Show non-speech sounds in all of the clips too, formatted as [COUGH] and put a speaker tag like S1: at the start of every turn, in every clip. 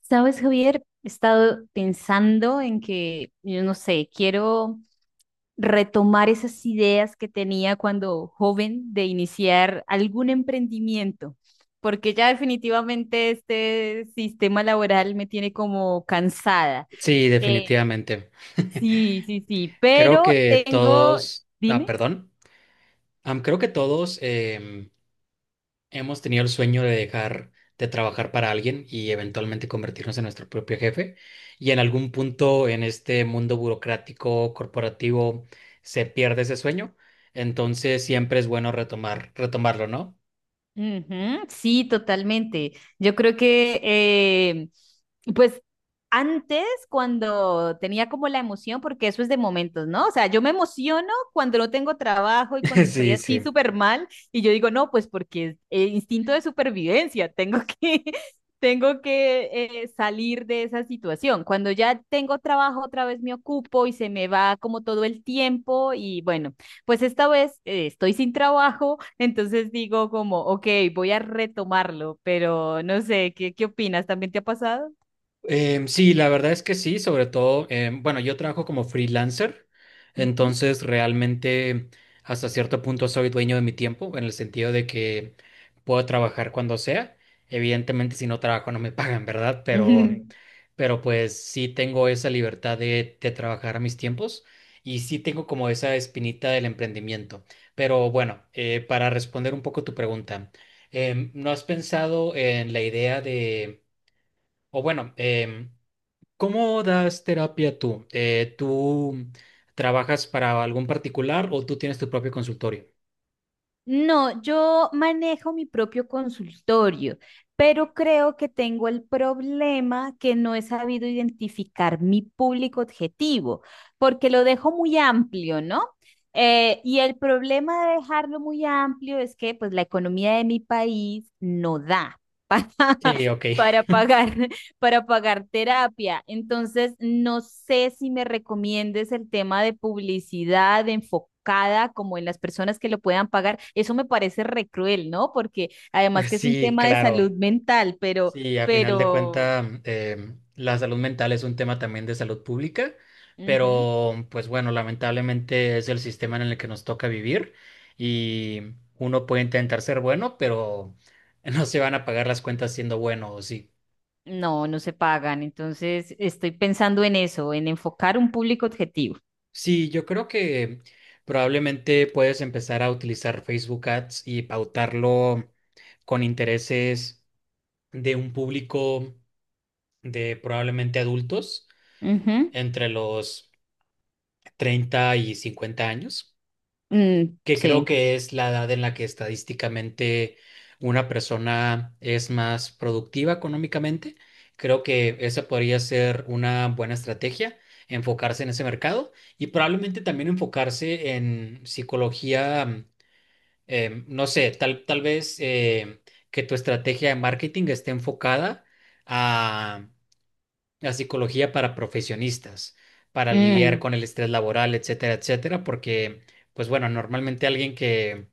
S1: Sabes, Javier, he estado pensando en que, yo no sé, quiero retomar esas ideas que tenía cuando joven de iniciar algún emprendimiento, porque ya definitivamente este sistema laboral me tiene como cansada.
S2: Sí,
S1: Eh,
S2: definitivamente. [LAUGHS]
S1: sí, sí, sí,
S2: Creo
S1: pero
S2: que
S1: tengo,
S2: todos, ah,
S1: dime.
S2: perdón, creo que todos hemos tenido el sueño de dejar de trabajar para alguien y eventualmente convertirnos en nuestro propio jefe. Y en algún punto en este mundo burocrático, corporativo, se pierde ese sueño. Entonces siempre es bueno retomar, retomarlo, ¿no?
S1: Ujú. Sí, totalmente. Yo creo que, pues, antes cuando tenía como la emoción, porque eso es de momentos, ¿no? O sea, yo me emociono cuando no tengo trabajo y cuando
S2: [LAUGHS]
S1: estoy
S2: Sí,
S1: así
S2: sí.
S1: súper mal y yo digo, no, pues porque instinto de supervivencia, tengo que, [LAUGHS] tengo que salir de esa situación. Cuando ya tengo trabajo, otra vez me ocupo y se me va como todo el tiempo y bueno, pues esta vez estoy sin trabajo, [LAUGHS] entonces digo como, ok, voy a retomarlo, pero no sé, ¿qué opinas? ¿También te ha pasado?
S2: Sí, la verdad es que sí, sobre todo, bueno, yo trabajo como freelancer,
S1: Ay.
S2: entonces realmente hasta cierto punto soy dueño de mi tiempo, en el sentido de que puedo trabajar cuando sea. Evidentemente, si no trabajo no me [LAUGHS] pagan, ¿verdad? Pero,
S1: [LAUGHS]
S2: pero pues sí tengo esa libertad de trabajar a mis tiempos y sí tengo como esa espinita del emprendimiento. Pero bueno, para responder un poco tu pregunta, ¿no has pensado en la idea de, o bueno, cómo das terapia tú? ¿Tú trabajas para algún particular o tú tienes tu propio consultorio?
S1: No, yo manejo mi propio consultorio, pero creo que tengo el problema que no he sabido identificar mi público objetivo, porque lo dejo muy amplio, ¿no? Y el problema de dejarlo muy amplio es que pues la economía de mi país no da [LAUGHS] para,
S2: Sí, ok.
S1: para
S2: [LAUGHS]
S1: pagar para pagar terapia. Entonces, no sé si me recomiendes el tema de publicidad enfocada como en las personas que lo puedan pagar. Eso me parece re cruel, ¿no? Porque además que es un
S2: Sí,
S1: tema de salud
S2: claro.
S1: mental,
S2: Sí, a final de
S1: pero,
S2: cuentas, la salud mental es un tema también de salud pública,
S1: ujú,
S2: pero pues bueno, lamentablemente es el sistema en el que nos toca vivir y uno puede intentar ser bueno, pero [LAUGHS] no se van a pagar las cuentas siendo bueno, ¿o sí?
S1: no, no se pagan. Entonces, estoy pensando en eso, en enfocar un público objetivo.
S2: Sí, yo creo que probablemente puedes empezar a utilizar Facebook Ads y pautarlo con intereses de un público de probablemente adultos
S1: Ujú.
S2: entre los 30 y 50 años,
S1: Mm.
S2: que creo
S1: Sí.
S2: que es la edad en la que estadísticamente una persona es más productiva económicamente. Creo que esa podría ser una buena estrategia, enfocarse en ese mercado y probablemente también enfocarse en psicología, no sé, tal vez que tu estrategia de marketing esté enfocada a, a psicología para profesionistas, para lidiar
S1: Mm.
S2: con el estrés laboral, etcétera, etcétera, porque, pues bueno, normalmente alguien que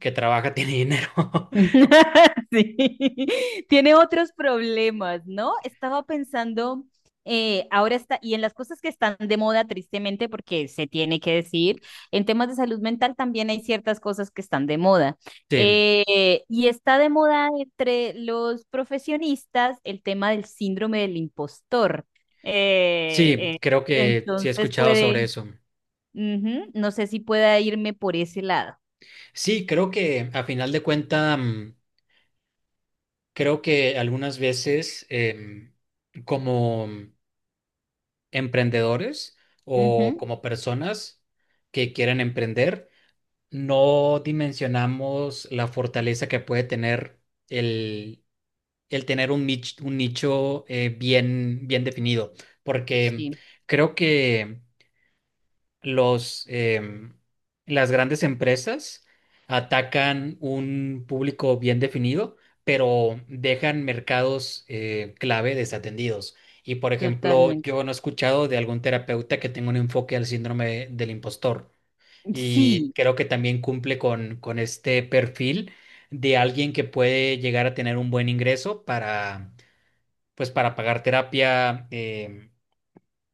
S2: que trabaja tiene dinero. [LAUGHS]
S1: [LAUGHS] Sí, tiene otros problemas, ¿no? Estaba pensando, ahora está, y en las cosas que están de moda, tristemente, porque se tiene que decir, en temas de salud mental también hay ciertas cosas que están de moda.
S2: Sí,
S1: Y está de moda entre los profesionistas el tema del síndrome del impostor. Eh,
S2: sí,
S1: eh,
S2: creo que sí he
S1: entonces
S2: escuchado sobre
S1: puede,
S2: eso.
S1: ujú, no sé si pueda irme por ese lado.
S2: Sí, creo que a final de cuentas, creo que algunas veces como emprendedores o
S1: Ujú,
S2: como personas que quieren emprender, no dimensionamos la fortaleza que puede tener el, el tener un nicho bien, bien definido, porque
S1: sí,
S2: creo que los, las grandes empresas atacan un público bien definido, pero dejan mercados clave desatendidos. Y por ejemplo, yo
S1: totalmente.
S2: no he escuchado de algún terapeuta que tenga un enfoque al síndrome del impostor. Y
S1: Sí.
S2: creo que también cumple con este perfil de alguien que puede llegar a tener un buen ingreso para, pues, para pagar terapia,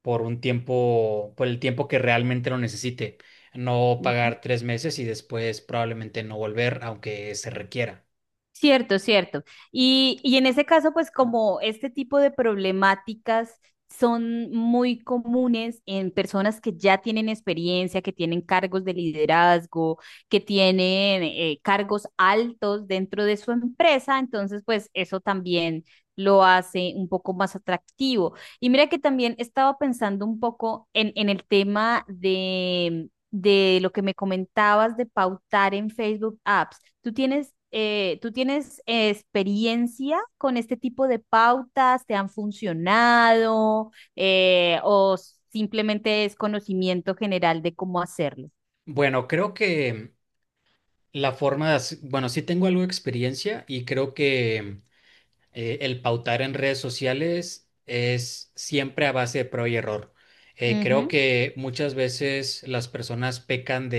S2: por un tiempo, por el tiempo que realmente lo necesite. No
S1: Ujú.
S2: pagar 3 meses y después probablemente no volver, aunque se requiera.
S1: Cierto, cierto. Y en ese caso, pues como este tipo de problemáticas son muy comunes en personas que ya tienen experiencia, que tienen cargos de liderazgo, que tienen cargos altos dentro de su empresa, entonces pues eso también lo hace un poco más atractivo. Y mira que también estaba pensando un poco en el tema de lo que me comentabas de pautar en Facebook Ads. Tú tienes experiencia con este tipo de pautas? ¿Te han funcionado? ¿O simplemente es conocimiento general de cómo hacerlo?
S2: Bueno, creo que la forma de, bueno, sí tengo algo de experiencia y creo que el pautar en redes sociales es siempre a base de prueba y error. Creo
S1: Ujú,
S2: que muchas veces las personas pecan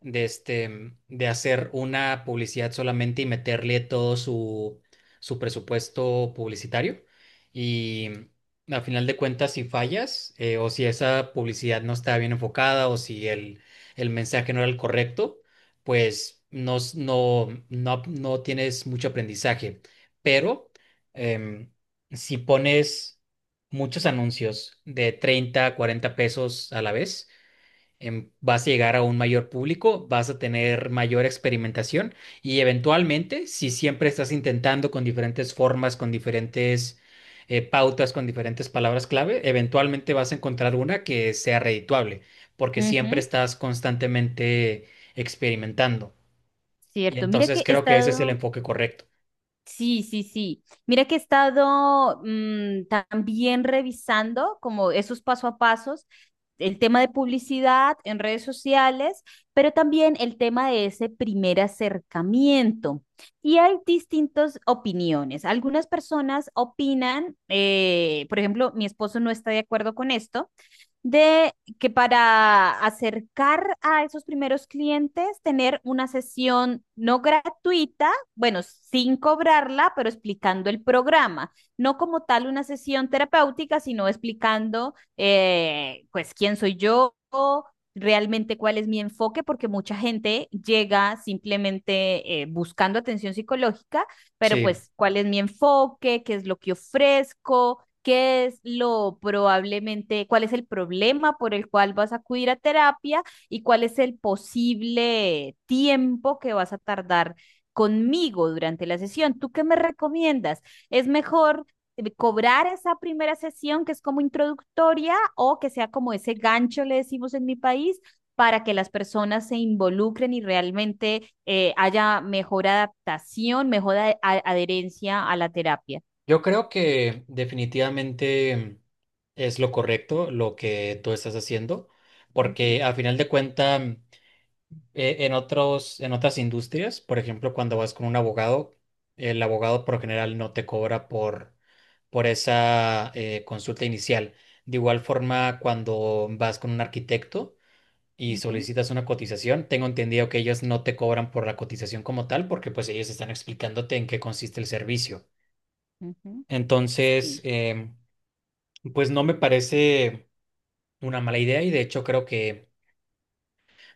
S2: de este, de hacer una publicidad solamente y meterle todo su, su presupuesto publicitario. Y a final de cuentas, si fallas, o si esa publicidad no está bien enfocada, o si el, el mensaje no era el correcto, pues no, no, no, no tienes mucho aprendizaje. Pero em, si pones muchos anuncios de 30, 40 pesos a la vez, vas a llegar a un mayor público, vas a tener mayor experimentación y eventualmente, si siempre estás intentando con diferentes formas, con diferentes pautas, con diferentes palabras clave, eventualmente vas a encontrar una que sea redituable, porque siempre
S1: ujú.
S2: estás constantemente experimentando. Y
S1: Cierto. Mira
S2: entonces
S1: que he
S2: creo que ese es el
S1: estado.
S2: enfoque correcto.
S1: Sí, sí, sí. Mira que he estado también revisando como esos paso a pasos, el tema de publicidad en redes sociales, pero también el tema de ese primer acercamiento. Y hay distintas opiniones. Algunas personas opinan, por ejemplo, mi esposo no está de acuerdo con esto de que para acercar a esos primeros clientes, tener una sesión no gratuita, bueno, sin cobrarla, pero explicando el programa, no como tal una sesión terapéutica, sino explicando, pues, quién soy yo, realmente cuál es mi enfoque, porque mucha gente llega simplemente buscando atención psicológica, pero
S2: Sí,
S1: pues cuál es mi enfoque, qué es lo que ofrezco, qué es lo probablemente, cuál es el problema por el cual vas a acudir a terapia y cuál es el posible tiempo que vas a tardar conmigo durante la sesión. ¿Tú qué me recomiendas? ¿Es mejor cobrar esa primera sesión que es como introductoria o que sea como ese gancho, le decimos en mi país? Para que las personas se involucren y realmente haya mejor adaptación, mejor adherencia a la terapia.
S2: yo creo que definitivamente es lo correcto lo que tú estás haciendo,
S1: Ujú,
S2: porque a final de cuentas en otros, en otras industrias, por ejemplo, cuando vas con un abogado, el abogado por lo general no te cobra por esa consulta inicial. De igual forma, cuando vas con un arquitecto y
S1: ujú.
S2: solicitas una cotización, tengo entendido que ellos no te cobran por la cotización como tal, porque pues ellos están explicándote en qué consiste el servicio.
S1: Ujú.
S2: Entonces,
S1: Sí.
S2: pues no me parece una mala idea y de hecho creo que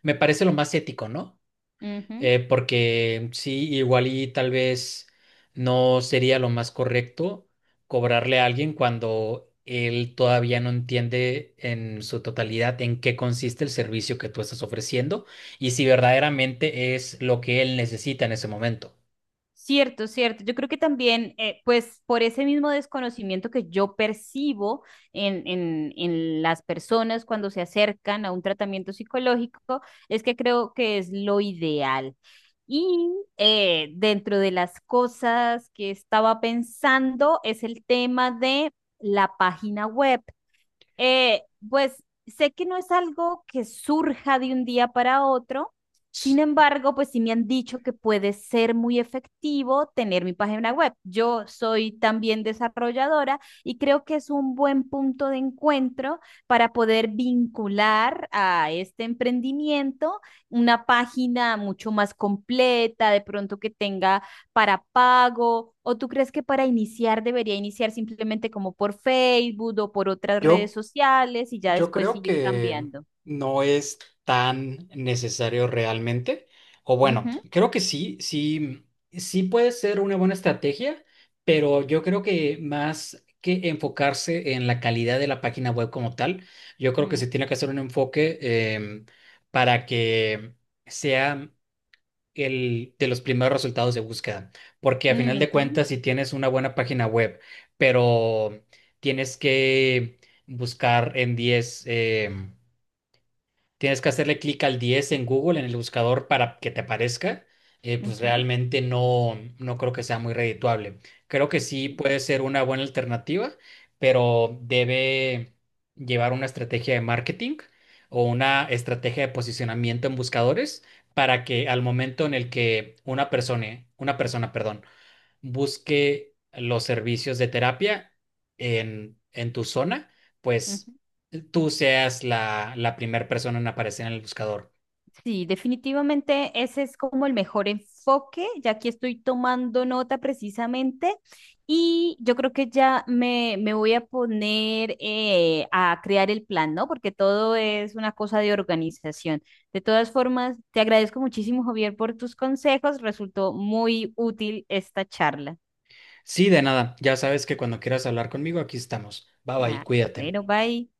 S2: me parece lo más ético, ¿no?
S1: Ujú.
S2: Porque sí, igual y tal vez no sería lo más correcto cobrarle a alguien cuando él todavía no entiende en su totalidad en qué consiste el servicio que tú estás ofreciendo y si verdaderamente es lo que él necesita en ese momento.
S1: Cierto, cierto. Yo creo que también, pues por ese mismo desconocimiento que yo percibo en las personas cuando se acercan a un tratamiento psicológico, es que creo que es lo ideal. Y dentro de las cosas que estaba pensando es el tema de la página web. Eh, pues sé que no es algo que surja de un día para otro, sin embargo, pues sí me han dicho que puede ser muy efectivo tener mi página web. Yo soy también desarrolladora y creo que es un buen punto de encuentro para poder vincular a este emprendimiento una página mucho más completa, de pronto que tenga para pago. ¿O tú crees que para iniciar debería iniciar simplemente como por Facebook o por otras redes
S2: Yo
S1: sociales y ya
S2: Yo
S1: después
S2: creo
S1: seguir
S2: que
S1: cambiando?
S2: no es tan necesario realmente. O bueno,
S1: Ujú,
S2: creo que sí, sí, sí puede ser una buena estrategia, pero yo creo que más que enfocarse en la calidad de la página web como tal, yo creo que
S1: mm,
S2: se tiene que hacer un enfoque em, para que sea el, de los primeros resultados de búsqueda, porque a final de
S1: ujú,
S2: cuentas, si tienes una buena página web, pero tienes que buscar en 10, tienes que hacerle clic al 10 en Google, en el buscador, para que te aparezca. Pues
S1: ujú,
S2: realmente no, no creo que sea muy redituable. Creo que sí
S1: sí,
S2: puede ser una buena alternativa, pero debe llevar una estrategia de marketing o una estrategia de posicionamiento en buscadores para que al momento en el que una persona, perdón, busque los servicios de terapia en tu zona, pues
S1: ujú.
S2: tú seas la primera persona en aparecer en el buscador.
S1: Sí, definitivamente ese es como el mejor enfoque, ya que estoy tomando nota precisamente y yo creo que ya me voy a poner a crear el plan, ¿no? Porque todo es una cosa de organización. De todas formas, te agradezco muchísimo, Javier, por tus consejos. Resultó muy útil esta charla.
S2: Sí, de nada. Ya sabes que cuando quieras hablar conmigo, aquí estamos. Bye bye,
S1: Ah,
S2: cuídate.
S1: bueno, bye.